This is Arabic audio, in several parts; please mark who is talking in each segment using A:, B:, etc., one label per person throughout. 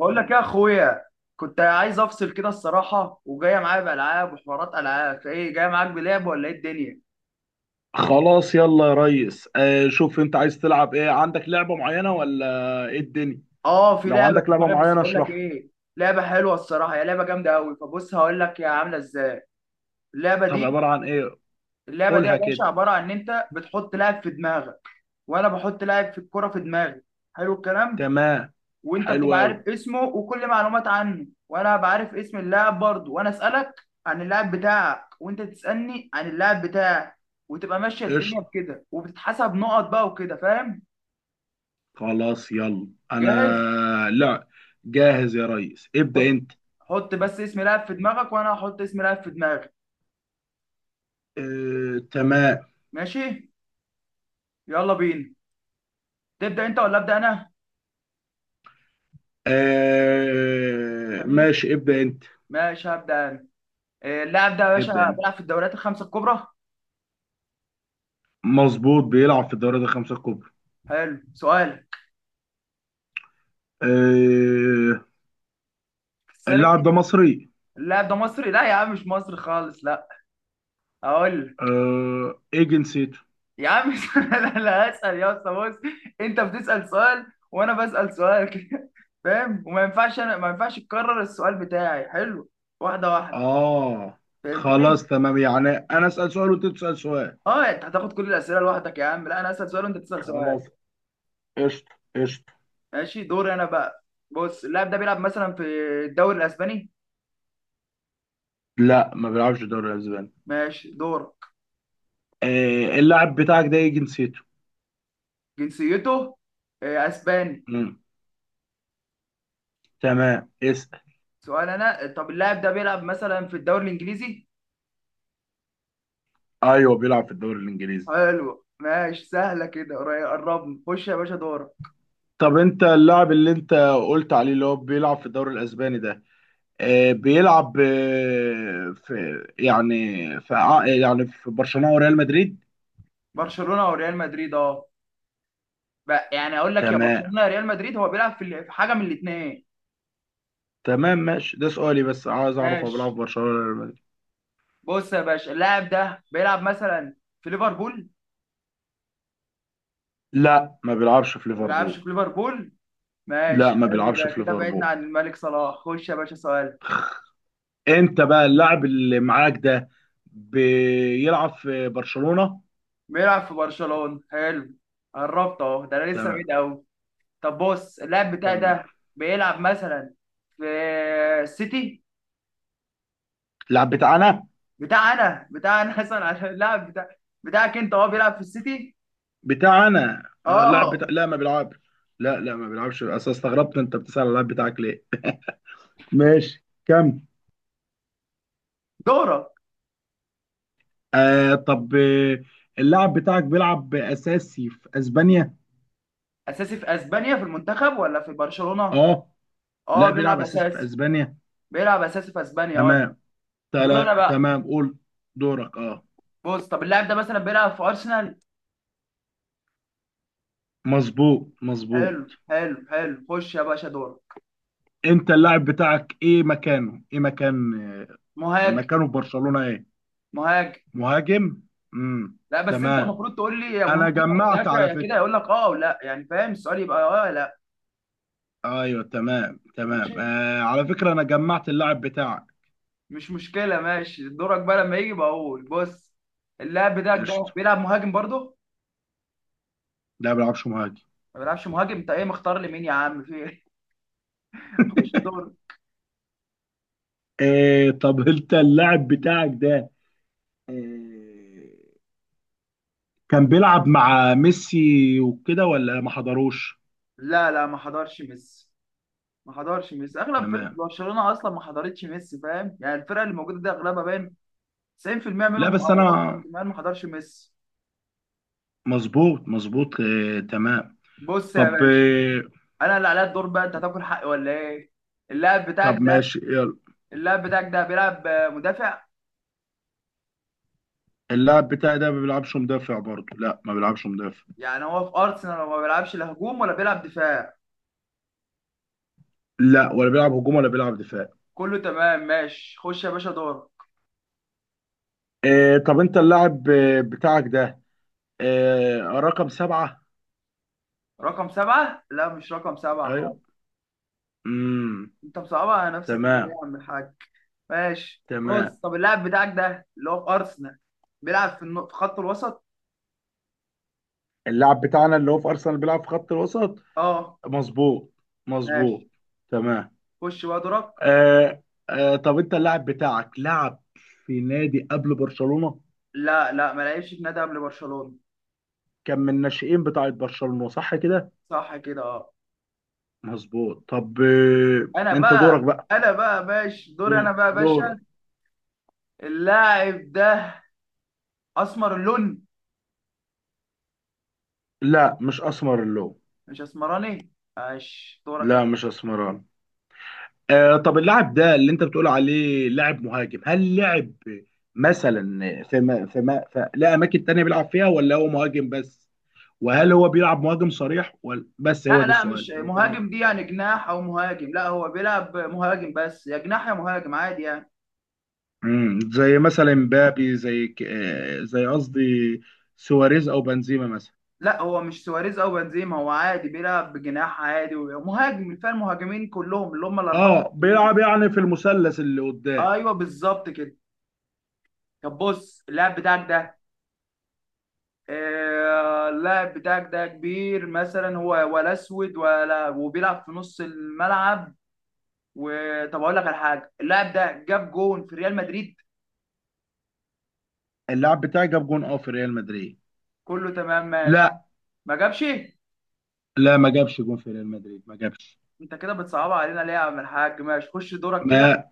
A: بقول لك يا اخويا، كنت عايز افصل كده الصراحه وجايه معايا بالعاب وحوارات العاب، فايه جايه معاك بلعب ولا ايه الدنيا؟
B: خلاص يلا يا ريس، شوف انت عايز تلعب ايه؟ عندك لعبة معينة ولا ايه الدنيا؟
A: اه، في
B: لو
A: لعبه
B: عندك
A: في
B: لعبة
A: دماغي بس
B: معينة
A: بقول لك
B: اشرحها.
A: ايه. لعبه حلوه الصراحه، هي لعبه جامده قوي. فبص هقول لك هي عامله ازاي اللعبه
B: طب
A: دي.
B: عبارة عن ايه؟
A: اللعبه دي يا
B: قولها كده.
A: باشا عباره عن ان انت بتحط لاعب في دماغك، وانا بحط لاعب في الكره في دماغي. حلو الكلام.
B: تمام.
A: وانت
B: حلو
A: بتبقى
B: قوي.
A: عارف اسمه وكل معلومات عنه، وانا بعرف اسم اللاعب برضه، وانا اسالك عن اللاعب بتاعك وانت تسالني عن اللاعب بتاعك، وتبقى ماشيه الدنيا
B: قشطة.
A: بكده، وبتتحسب نقط بقى وكده، فاهم؟
B: خلاص يلا
A: جاهز.
B: انا. لا. جاهز يا ريس، ابدأ
A: حط
B: انت.
A: حط بس اسم لاعب في دماغك وانا هحط اسم لاعب في دماغي.
B: آه، تمام.
A: ماشي، يلا بينا. تبدا انت ولا ابدا انا؟
B: آه،
A: خليك،
B: ماشي، ابدأ انت.
A: ماشي هبدا انا. اللاعب ده يا باشا
B: ابدأ انت.
A: بيلعب في الدوريات الخمسه الكبرى.
B: مظبوط، بيلعب في الدوريات الخمسة الكبرى.
A: حلو سؤال
B: آه،
A: السريع.
B: اللاعب ده مصري؟
A: اللاعب ده مصري؟ لا يا عم، مش مصري خالص لا. اقول لك.
B: آه، ايه جنسيته؟
A: يا عم مش انا اللي هسأل يا اسطى، بص، انت بتسأل سؤال وانا بسأل سؤال كده، فاهم؟ وما ينفعش انا ما ينفعش تكرر السؤال بتاعي، حلو؟ واحدة واحدة.
B: اه.
A: فهمتني؟
B: خلاص تمام، يعني انا اسال سؤال وانت تسال سؤال.
A: اه انت هتاخد كل الأسئلة لوحدك يا عم؟ لا، انا هسأل سؤال وانت تسأل سؤال.
B: خلاص. قشطه قشطه.
A: ماشي دوري انا بقى. بص اللاعب ده بيلعب مثلا في الدوري الأسباني.
B: لا، ما بيلعبش الدوري الاسباني.
A: ماشي دورك.
B: آه، اللاعب بتاعك ده ايه جنسيته؟
A: جنسيته أسباني.
B: مم. تمام، اسال.
A: سؤال انا، طب اللاعب ده بيلعب مثلا في الدوري الإنجليزي؟
B: ايوه، بيلعب في الدوري الانجليزي.
A: حلو ماشي، سهلة كده، قربنا، خش يا باشا دورك.
B: طب انت اللاعب اللي انت قلت عليه اللي هو بيلعب في الدوري الاسباني ده، بيلعب، في، يعني في يعني في برشلونه وريال مدريد.
A: برشلونه وريال مدريد اه. بقى يعني اقول لك يا
B: تمام
A: برشلونه يا ريال مدريد، هو بيلعب في في حاجه من الاثنين.
B: تمام، ماشي. ده سؤالي، بس عايز اعرف هو بيلعب
A: ماشي،
B: في برشلونه ولا ريال مدريد؟
A: بص يا باشا اللاعب ده بيلعب مثلا في ليفربول.
B: لا، ما بيلعبش في
A: ما بيلعبش
B: ليفربول.
A: في ليفربول،
B: لا،
A: ماشي
B: ما
A: حلو،
B: بيلعبش
A: ده
B: في
A: كده بعدنا
B: ليفربول.
A: عن الملك صلاح، خش يا باشا سؤال.
B: انت بقى اللاعب اللي معاك ده بيلعب في برشلونة؟
A: بيلعب في برشلونه، حلو، قربت اهو، ده انا لسه بعيد
B: تمام
A: قوي. طب بص اللاعب بتاعي
B: تمام.
A: ده بيلعب مثلا في السيتي.
B: اللاعب بتاعنا
A: بتاع انا، بتاع انا مثلا عشان اللاعب بتاعك انت هو بيلعب في السيتي؟
B: بتاعنا اه اللاعب
A: اه.
B: بتاع، لا ما بيلعبش. لا لا، ما بيلعبش. اصل استغربت انت بتسأل على اللاعب بتاعك ليه؟ ماشي كم.
A: دورك.
B: طب، اللاعب بتاعك بيلعب اساسي في اسبانيا؟
A: اساسي في اسبانيا؟ في المنتخب ولا في برشلونة؟
B: اه.
A: اه
B: لا، بيلعب
A: بيلعب
B: اساسي في
A: اساسي.
B: اسبانيا.
A: بيلعب اساسي في اسبانيا اه.
B: تمام.
A: دور انا بقى.
B: تمام، قول. دورك، اه.
A: بص طب اللاعب ده مثلا بيلعب في ارسنال.
B: مظبوط مظبوط.
A: حلو حلو حلو، خش يا باشا دور.
B: انت اللاعب بتاعك ايه مكانه ايه مكان
A: مهاجم.
B: مكانه في برشلونة ايه؟
A: مهاجم.
B: مهاجم. امم
A: لا بس انت
B: تمام.
A: المفروض تقول لي يا مهاجم
B: انا
A: يا
B: جمعت
A: مدافع
B: على
A: يا كده،
B: فكرة.
A: يقول لك اه ولا، يعني فاهم السؤال يبقى اه لا.
B: ايوه، تمام تمام.
A: ماشي
B: على فكرة انا جمعت اللاعب بتاعك.
A: مش مشكلة، ماشي دورك بقى لما يجي بقول بص، اللاعب بتاعك ده
B: قشطة.
A: بيلعب مهاجم برضه؟
B: ده ما بيلعبش مهاجم.
A: ما بيلعبش مهاجم، انت ايه مختار لي مين يا عم، في ايه خش دور.
B: إيه، طب انت اللاعب بتاعك ده، إيه، كان بيلعب مع ميسي وكده ولا ما حضروش؟
A: لا لا، ما حضرش ميسي، ما حضرش ميسي، اغلب فرقه
B: تمام.
A: برشلونه اصلا ما حضرتش ميسي، فاهم؟ يعني الفرقه اللي موجوده دي اغلبها باين 90%
B: لا
A: منهم
B: بس
A: او
B: انا،
A: اكتر، كمان ما حضرش ميسي.
B: مظبوط مظبوط. إيه، تمام.
A: بص يا
B: طب،
A: باشا
B: إيه،
A: انا اللي عليا الدور بقى، انت هتاكل حقي ولا ايه؟ اللاعب بتاعك
B: طب
A: ده،
B: ماشي.
A: اللاعب بتاعك ده بيلعب مدافع؟
B: اللاعب بتاعي ده ما بيلعبش مدافع برضه. لا ما بيلعبش مدافع.
A: يعني هو في ارسنال ما بيلعبش لا هجوم ولا بيلعب دفاع؟
B: لا، ولا بيلعب هجوم ولا بيلعب دفاع.
A: كله تمام، ماشي خش يا باشا دور.
B: طب انت اللاعب بتاعك ده رقم سبعة؟
A: رقم سبعة؟ لا مش رقم سبعة خالص،
B: ايوه. امم
A: انت مصعبها على نفسك كده ليه يا
B: تمام
A: عم الحاج؟ ماشي بص
B: تمام.
A: طب اللاعب بتاعك ده اللي هو في ارسنال بيلعب في في خط الوسط؟
B: اللاعب بتاعنا اللي هو في ارسنال بيلعب في خط الوسط؟
A: اه.
B: مظبوط.
A: ماشي،
B: مظبوط. تمام.
A: خش بقى دورك.
B: آه طب انت اللاعب بتاعك لعب في نادي قبل برشلونة؟
A: لا لا، ما لعبش في نادي قبل برشلونة.
B: كان من الناشئين بتاعة برشلونة، صح كده؟
A: صح كده اه.
B: مظبوط. طب،
A: انا
B: انت دورك
A: بقى،
B: بقى.
A: انا بقى، ماشي دوري انا بقى يا باشا.
B: دورك.
A: اللاعب ده اسمر اللون؟
B: لا، مش اسمر اللون.
A: مش اسمراني، ماشي دورك يا
B: لا،
A: باشا.
B: مش اسمران. طب اللاعب ده اللي انت بتقول عليه لاعب مهاجم، هل لعب مثلا في ما في ما في لا اماكن تانية بيلعب فيها ولا هو مهاجم بس؟ وهل هو بيلعب مهاجم صريح ولا بس؟ هو
A: لا
B: ده
A: لا
B: السؤال.
A: مش
B: هو بيلعب.
A: مهاجم دي، يعني جناح او مهاجم؟ لا هو بيلعب مهاجم بس، يا جناح يا مهاجم عادي يعني.
B: زي مثلا مبابي، زي ك... آه زي قصدي سواريز او بنزيما مثلا؟
A: لا هو مش سواريز او بنزيما، هو عادي بيلعب بجناح عادي ومهاجم، الفئة المهاجمين كلهم اللي هم الاربعه.
B: اه،
A: المهاجمين
B: بيلعب يعني في المثلث اللي قدام.
A: ايوه بالظبط كده. طب بص اللاعب بتاعك ده، اللاعب بتاعك ده كبير مثلا هو ولا اسود، ولا وبيلعب في نص الملعب؟ وطب اقول لك على حاجه، اللاعب ده جاب جون في ريال مدريد؟
B: اللاعب بتاعي جاب جون، اه، في ريال مدريد؟
A: كله تمام ماشي.
B: لا
A: ما جابش؟
B: لا، ما جابش جون في ريال مدريد، ما جابش.
A: انت كده بتصعبها علينا ليه يا عم الحاج؟ ماشي خش دورك كده.
B: ما،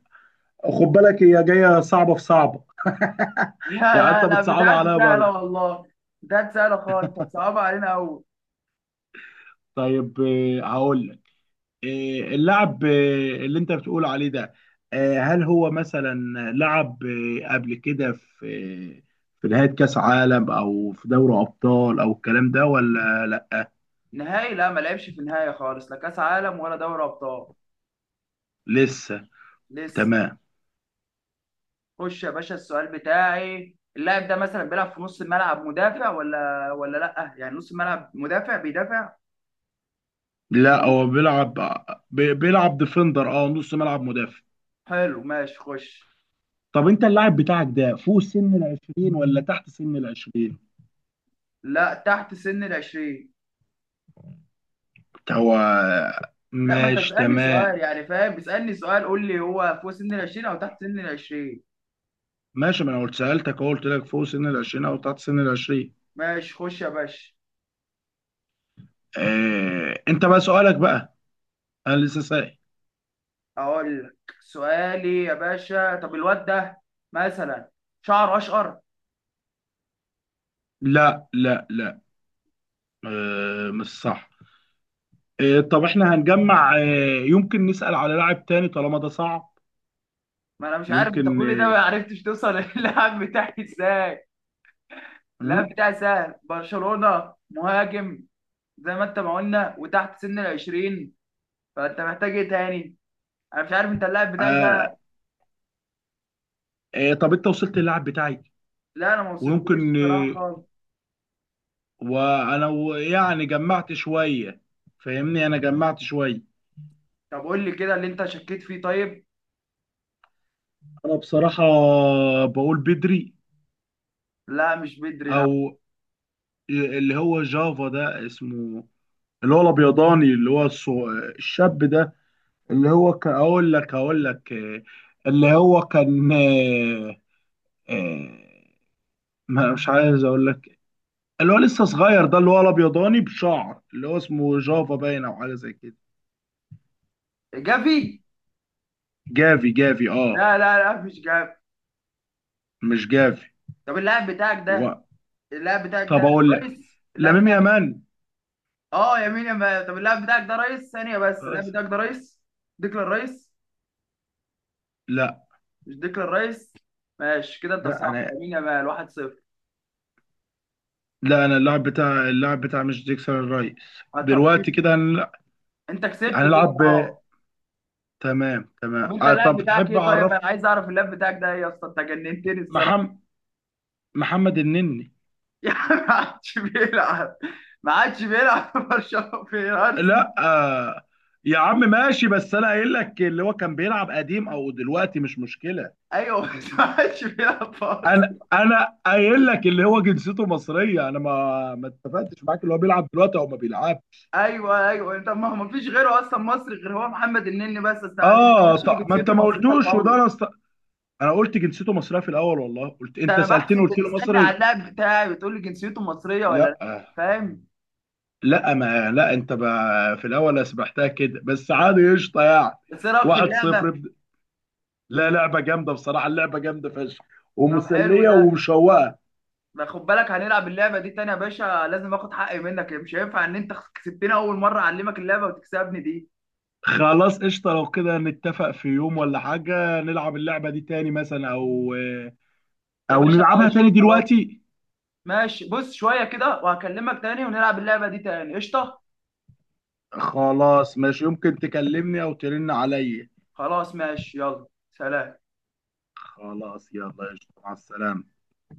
B: خد بالك هي جايه صعبه في صعبه.
A: لا
B: يعني انت
A: لا لا،
B: بتصعبها
A: بتاعتي
B: عليا
A: سهله
B: برضه.
A: والله، بتاعتي سهله خالص، انت بتصعبها علينا قوي.
B: طيب، هقول لك. اللاعب اللي انت بتقول عليه ده، هل هو مثلا لعب قبل كده آه، في نهاية كأس عالم او في دوري ابطال او الكلام ده ولا لا؟
A: نهائي؟ لا ما لعبش في النهائي خالص، لا كاس عالم ولا دوري ابطال.
B: لسه.
A: لسه.
B: تمام.
A: خش يا باشا السؤال بتاعي، اللاعب ده مثلا بيلعب في نص الملعب مدافع، ولا ولا لا يعني نص الملعب مدافع بيدافع ولا
B: لا، هو بيلعب بيلعب ديفندر، اه، نص ملعب مدافع.
A: حلو ماشي خش.
B: طب انت اللاعب بتاعك ده فوق سن العشرين ولا تحت سن العشرين؟
A: لا، تحت سن العشرين.
B: هو.
A: لا ما انت
B: ماشي
A: تسألني سؤال،
B: تمام.
A: يعني فاهم؟ بتسألني سؤال قول لي هو فوق سن العشرين او تحت سن العشرين.
B: ماشي، ما انا قلت سألتك أهو، قلت لك فوق سن العشرين او تحت سن العشرين.
A: ماشي خش يا باشا.
B: انت بقى سؤالك بقى. انا لسه سائل.
A: اقول لك سؤالي يا باشا، طب الواد ده مثلا شعره اشقر؟
B: لا لا لا. مش صح. طب احنا هنجمع، يمكن نسأل على لاعب تاني طالما ده صعب.
A: ما انا مش عارف انت،
B: يمكن
A: كل ده ما عرفتش توصل للاعب بتاعي ازاي؟ اللاعب
B: م?
A: بتاعي سهل، برشلونة، مهاجم، زي ما انت ما قلنا، وتحت سن العشرين، فانت محتاج ايه تاني؟ انا مش عارف انت اللاعب بتاعك
B: آه،
A: ده.
B: طب انت وصلت للاعب بتاعي؟
A: لا انا ما وصلتلوش
B: ويمكن
A: الصراحة خالص.
B: وانا يعني جمعت شوية. فاهمني، انا جمعت شوية.
A: طب قول لي كده اللي انت شكيت فيه طيب.
B: انا بصراحة بقول بدري.
A: لا مش بدري لا.
B: او اللي هو جافا ده اسمه. اللي هو الابيضاني، اللي هو الشاب ده، اللي هو اقول لك اللي هو كان آه، ما مش عايز اقول لك، اللي هو لسه صغير ده، اللي هو الابيضاني بشعر، اللي هو اسمه جافا باين او حاجه زي كده.
A: جافي؟
B: جافي جافي، اه.
A: لا لا لا مش جافي.
B: مش جافي.
A: طب اللاعب بتاعك
B: و...
A: ده، اللاعب بتاعك ده
B: طب اقول لك.
A: رئيس، اللاعب
B: لامين
A: بتاعك ايه؟
B: يامال.
A: اه يمين يا ما، طب اللاعب بتاعك ده رئيس، ثانية بس، اللاعب
B: بس
A: بتاعك ده رئيس ديكلان رئيس؟
B: لا
A: مش ديكلان رئيس؟ ماشي كده، انت
B: لا،
A: صح،
B: انا
A: يمين يا مال، 1-0.
B: لا انا اللاعب بتاع مش ديكسون الرئيس.
A: طب
B: دلوقتي كده
A: انت كسبت كده
B: هنلعب
A: اه.
B: تمام
A: طب
B: تمام.
A: انت اللاعب
B: طب
A: بتاعك
B: تحب
A: ايه طيب؟ انا
B: اعرف.
A: عايز اعرف اللاعب بتاعك ده ايه يا اسطى، انت جننتني الصراحه.
B: محمد محمد النني.
A: يعني ما عادش بيلعب، ما عادش بيلعب في برشلونه في ارسنال.
B: لا يا عم ماشي، بس انا قايل لك اللي هو كان بيلعب قديم او دلوقتي مش مشكلة.
A: ايوه بس ما عادش بيلعب في
B: انا
A: ارسنال.
B: انا قايل لك اللي هو جنسيته مصرية، انا ما اتفقتش معاك اللي هو بيلعب دلوقتي او ما بيلعبش.
A: ايوه ايوه انت، ما هو ما فيش غيره اصلا مصري غير هو، محمد النني بس بس، انت ما
B: اه،
A: قلتليش ان
B: طب ما انت
A: جنسيته
B: ما
A: مصريه
B: قلتوش وده
A: خالص.
B: انا انا قلت جنسيته مصرية في الاول والله، قلت
A: ده
B: انت
A: انا
B: سألتني
A: بحسب
B: قلت له
A: بتسالني على
B: مصري.
A: اللاعب بتاعي وتقول لي جنسيته مصريه ولا لا،
B: لا
A: فاهم؟
B: لا، ما لا انت بقى في الاول سبحتها كده بس عادي قشطه يعني.
A: بس ايه رايك في
B: 1-0
A: اللعبه؟
B: ابدأ. لا، لعبه جامده بصراحه، اللعبه جامده فشخ.
A: طب حلو
B: ومسليه
A: ده،
B: ومشوقه.
A: ما خد بالك هنلعب اللعبه دي تاني يا باشا، لازم اخد حقي منك، مش هينفع ان انت كسبتني اول مره اعلمك اللعبه وتكسبني دي.
B: خلاص قشطه، لو كده نتفق في يوم ولا حاجه نلعب اللعبه دي تاني مثلا، او.
A: يا
B: او
A: باشا
B: نلعبها
A: ماشي
B: تاني
A: خلاص،
B: دلوقتي.
A: ماشي بص شويه كده وهكلمك تاني ونلعب اللعبه دي تاني قشطه.
B: خلاص ماشي، يمكن تكلمني او ترن عليا.
A: خلاص ماشي يلا، سلام.
B: خلاص يلا قشطه، مع السلامه.